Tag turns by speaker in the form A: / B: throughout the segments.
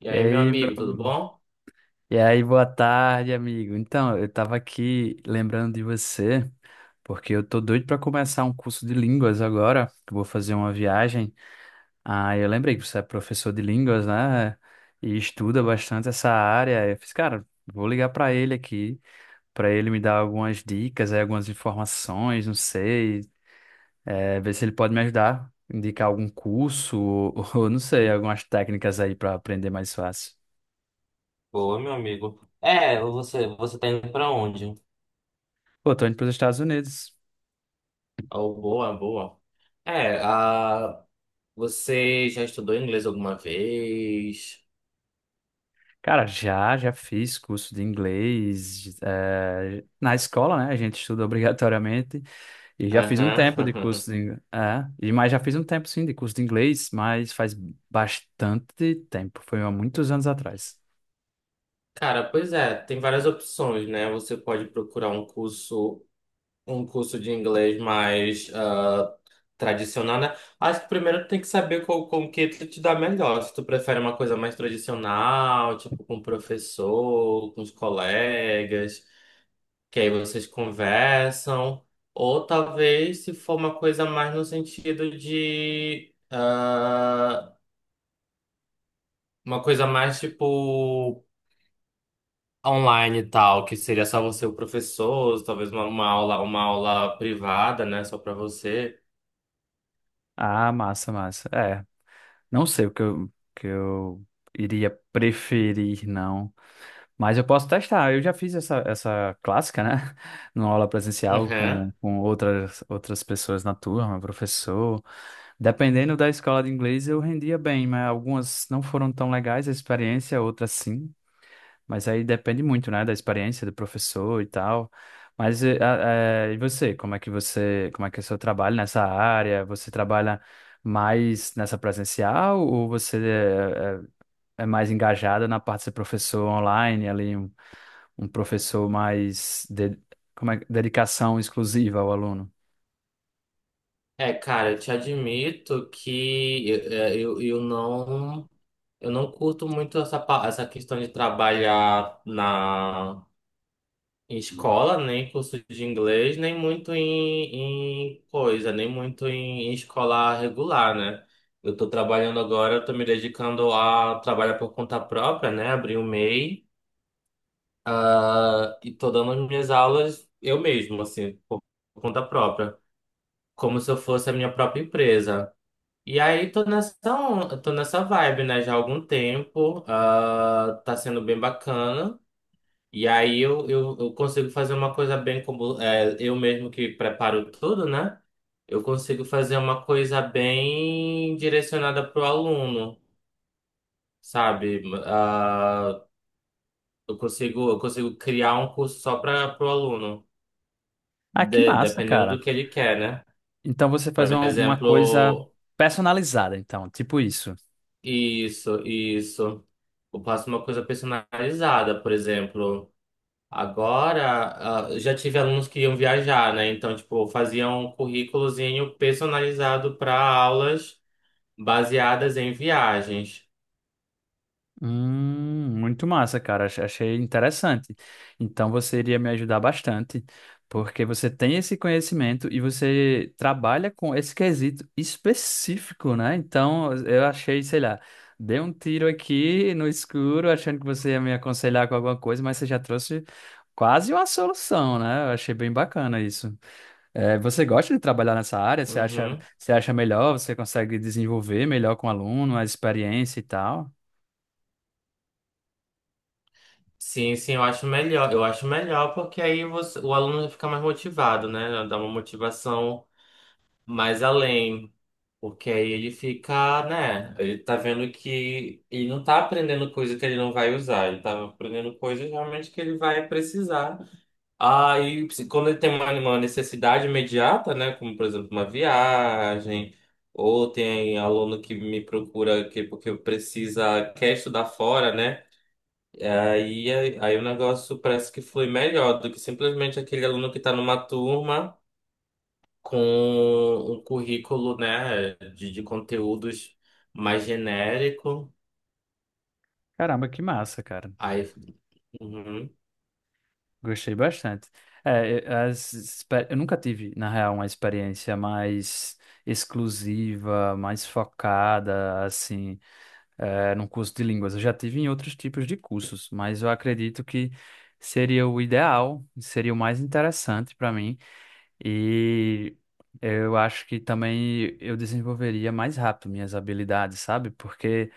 A: E
B: E
A: aí, meu
B: aí, meu...
A: amigo, tudo bom?
B: E aí, boa tarde, amigo. Então, eu tava aqui lembrando de você, porque eu tô doido para começar um curso de línguas agora, que eu vou fazer uma viagem. Ah, eu lembrei que você é professor de línguas, né? E estuda bastante essa área. Eu fiz, cara, vou ligar para ele aqui, para ele me dar algumas dicas, aí, algumas informações, não sei, é, ver se ele pode me ajudar, indicar algum curso ou, ou não sei, algumas técnicas aí para aprender mais fácil.
A: Boa, meu amigo. É, você tá indo pra onde?
B: Pô, tô indo para os Estados Unidos.
A: Oh, boa, boa. É, você já estudou inglês alguma vez?
B: Cara, já fiz curso de inglês, na escola, né? A gente estuda obrigatoriamente e já fiz um
A: Aham.
B: tempo de curso de, mas já fiz um tempo sim de curso de inglês, mas faz bastante tempo, foi há muitos anos atrás.
A: Cara, pois é, tem várias opções, né? Você pode procurar um curso de inglês mais tradicional, né? Acho que primeiro tem que saber qual, com que tu te dá melhor. Se tu prefere uma coisa mais tradicional, tipo com o professor, com os colegas, que aí vocês conversam, ou talvez se for uma coisa mais no sentido de uma coisa mais tipo online e tal, que seria só você e o professor, talvez uma aula privada, né, só pra você.
B: Ah, massa, massa. É, não sei o que eu iria preferir, não, mas eu posso testar. Eu já fiz essa, essa clássica, né? Numa aula presencial
A: Uhum.
B: com outras, outras pessoas na turma, professor. Dependendo da escola de inglês, eu rendia bem, mas algumas não foram tão legais a experiência, outras sim. Mas aí depende muito, né, da experiência do professor e tal. Mas e você, como é que você, como é que é o seu trabalho nessa área? Você trabalha mais nessa presencial ou você mais engajada na parte de ser professor online, ali um, um professor mais de, como é, dedicação exclusiva ao aluno?
A: É, cara, eu te admito que eu não eu não curto muito essa, essa questão de trabalhar na escola, nem curso de inglês, nem muito em, em coisa, nem muito em, em escola regular, né? Eu estou trabalhando agora, eu tô me dedicando a trabalhar por conta própria, né? Abri o MEI e tô dando as minhas aulas eu mesmo, assim, por conta própria, como se eu fosse a minha própria empresa. E aí tô nessa, tô nessa vibe, né? Já há algum tempo, ah, tá sendo bem bacana. E aí eu consigo fazer uma coisa bem, como é, eu mesmo que preparo tudo, né? Eu consigo fazer uma coisa bem direcionada para o aluno, sabe? Eu consigo criar um curso só para o aluno,
B: Ah, que massa,
A: dependendo do
B: cara.
A: que ele quer, né?
B: Então você faz
A: Por
B: uma coisa
A: exemplo,
B: personalizada, então, tipo isso.
A: isso, isso. Eu faço uma coisa personalizada, por exemplo. Agora, ah, já tive alunos que iam viajar, né? Então, tipo, faziam um currículozinho personalizado para aulas baseadas em viagens.
B: Muito massa, cara. Achei interessante. Então você iria me ajudar bastante, porque você tem esse conhecimento e você trabalha com esse quesito específico, né? Então eu achei, sei lá, dei um tiro aqui no escuro, achando que você ia me aconselhar com alguma coisa, mas você já trouxe quase uma solução, né? Eu achei bem bacana isso. É, você gosta de trabalhar nessa área?
A: Uhum.
B: Você acha melhor? Você consegue desenvolver melhor com o aluno, a experiência e tal?
A: Sim, sim, eu acho melhor. Eu acho melhor porque aí o aluno fica mais motivado, né? Dá uma motivação mais além. Porque aí ele fica, né? Ele tá vendo que ele não tá aprendendo coisa que ele não vai usar, ele tá aprendendo coisas realmente que ele vai precisar. Aí, quando ele tem uma necessidade imediata, né, como por exemplo uma viagem, ou tem aluno que me procura que, porque precisa, quer estudar fora, né? Aí o negócio parece que flui melhor do que simplesmente aquele aluno que está numa turma com um currículo, né, de conteúdos mais genérico.
B: Caramba, que massa, cara.
A: Aí, uhum,
B: Gostei bastante. Eu nunca tive, na real, uma experiência mais exclusiva, mais focada, assim, é, num curso de línguas. Eu já tive em outros tipos de cursos, mas eu acredito que seria o ideal, seria o mais interessante para mim. E eu acho que também eu desenvolveria mais rápido minhas habilidades, sabe? Porque,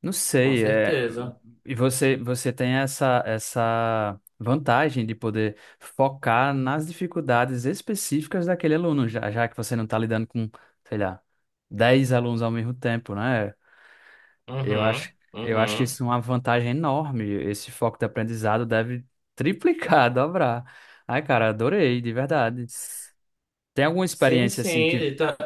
B: não
A: com
B: sei, é...
A: certeza.
B: e você, você tem essa, essa vantagem de poder focar nas dificuldades específicas daquele aluno, já que você não está lidando com, sei lá, 10 alunos ao mesmo tempo, né? Eu acho,
A: Uhum,
B: eu acho que
A: uhum.
B: isso é uma vantagem enorme. Esse foco de aprendizado deve triplicar, dobrar. Ai, cara, adorei, de verdade. Tem alguma
A: Sim,
B: experiência
A: sim.
B: assim que.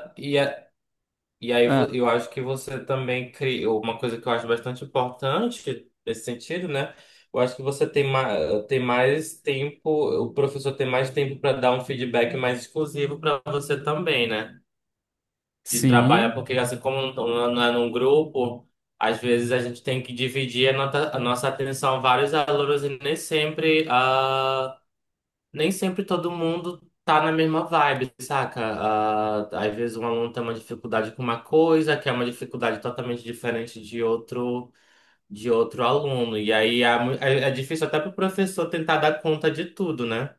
A: E aí
B: Ah,
A: eu acho que você também criou uma coisa que eu acho bastante importante nesse sentido, né? Eu acho que você tem, ma tem mais tempo, o professor tem mais tempo para dar um feedback mais exclusivo para você também, né? De trabalhar,
B: sim.
A: porque assim como não é num grupo, às vezes a gente tem que dividir a, a nossa atenção a vários alunos, e nem sempre, nem sempre todo mundo tá na mesma vibe, saca? Ah, às vezes um aluno tem uma dificuldade com uma coisa, que é uma dificuldade totalmente diferente de outro, de outro aluno. E aí é difícil até pro professor tentar dar conta de tudo, né?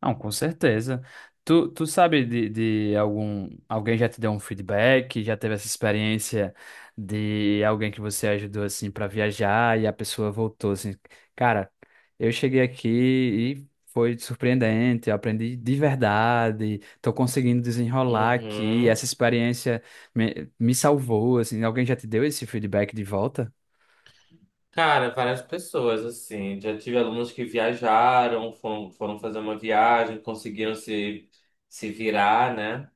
B: Não, com certeza. Tu, tu sabe de algum, alguém já te deu um feedback, já teve essa experiência de alguém que você ajudou assim para viajar e a pessoa voltou assim, cara, eu cheguei aqui e foi surpreendente, eu aprendi de verdade, tô conseguindo desenrolar aqui,
A: Uhum.
B: essa experiência me, me salvou, assim, alguém já te deu esse feedback de volta?
A: Cara, várias pessoas, assim. Já tive alunos que viajaram, foram, foram fazer uma viagem, conseguiram se virar, né?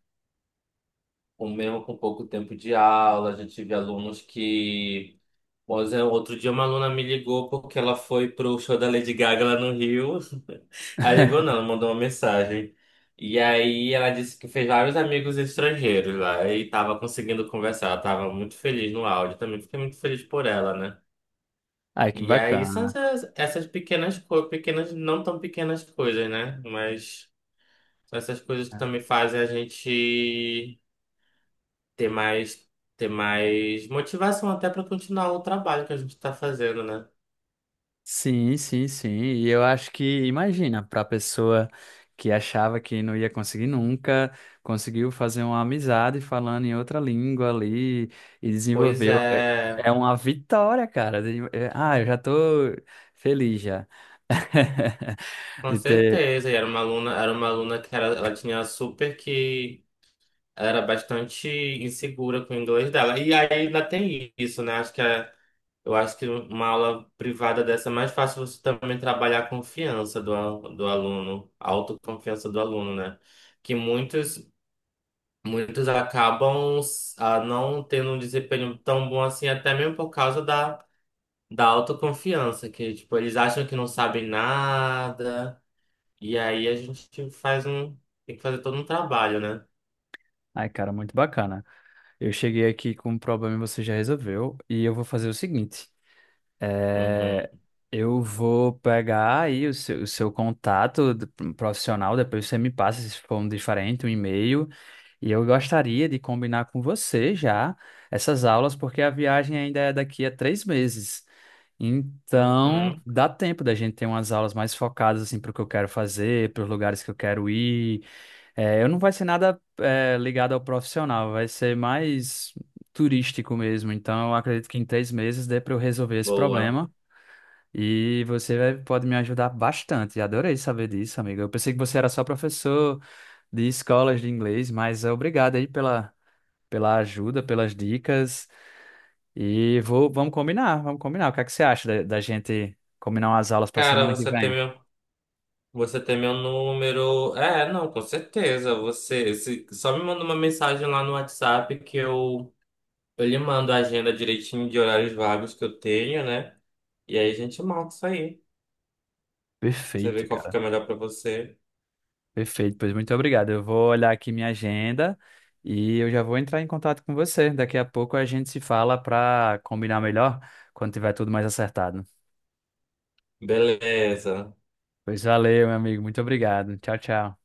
A: Ou mesmo com pouco tempo de aula. Já tive alunos que... Pois é, outro dia uma aluna me ligou porque ela foi pro show da Lady Gaga lá no Rio. Aí ligou não, ela mandou uma mensagem. E aí ela disse que fez vários amigos estrangeiros lá e tava conseguindo conversar. Ela tava muito feliz no áudio, também fiquei muito feliz por ela, né?
B: Ai, que
A: E aí são
B: bacana.
A: essas, essas pequenas coisas, pequenas, não tão pequenas coisas, né? Mas são essas coisas que também fazem a gente ter mais, ter mais motivação até para continuar o trabalho que a gente está fazendo, né?
B: Sim, sim, sim. E eu acho que, imagina, para a pessoa que achava que não ia conseguir nunca, conseguiu fazer uma amizade falando em outra língua ali e
A: Pois
B: desenvolveu. É,
A: é.
B: é uma vitória, cara. De- é, ah, eu já tô feliz já.
A: Com
B: De ter.
A: certeza, e era uma aluna que era, ela tinha super que ela era bastante insegura com o inglês dela. E aí ainda tem isso, né? Acho que é, eu acho que uma aula privada dessa é mais fácil você também trabalhar a confiança do aluno, a autoconfiança do aluno, né? Que muitos, muitos acabam, ah, não tendo um desempenho tão bom assim, até mesmo por causa da autoconfiança, que tipo, eles acham que não sabem nada. E aí a gente faz um... Tem que fazer todo um trabalho, né?
B: Ai, cara, muito bacana. Eu cheguei aqui com um problema e você já resolveu. E eu vou fazer o seguinte.
A: Uhum,
B: É, eu vou pegar aí o seu contato do- profissional, depois você me passa, se for um diferente, um e-mail. E eu gostaria de combinar com você já essas aulas, porque a viagem ainda é daqui a 3 meses. Então,
A: uhum.
B: dá tempo da gente ter umas aulas mais focadas assim para o que eu quero fazer, para os lugares que eu quero ir, é, eu não vai ser nada é, ligado ao profissional, vai ser mais turístico mesmo. Então, eu acredito que em 3 meses dê para eu resolver esse
A: Boa.
B: problema. E você vai- pode me ajudar bastante. Adorei saber disso, amigo. Eu pensei que você era só professor de escolas de inglês, mas é, obrigado aí pela, pela ajuda, pelas dicas. E vou, vamos combinar, vamos combinar. O que é que você acha da, da gente combinar umas aulas para
A: Cara,
B: semana que
A: você tem
B: vem?
A: meu. Você tem meu número. É, não, com certeza. Você. Se- Só me manda uma mensagem lá no WhatsApp que eu... Eu lhe mando a agenda direitinho de horários vagos que eu tenho, né? E aí a gente marca isso aí. Você vê
B: Perfeito,
A: qual fica
B: cara.
A: melhor pra você.
B: Perfeito, pois muito obrigado. Eu vou olhar aqui minha agenda e eu já vou entrar em contato com você. Daqui a pouco a gente se fala para combinar melhor quando tiver tudo mais acertado.
A: Beleza.
B: Pois valeu, meu amigo. Muito obrigado. Tchau, tchau.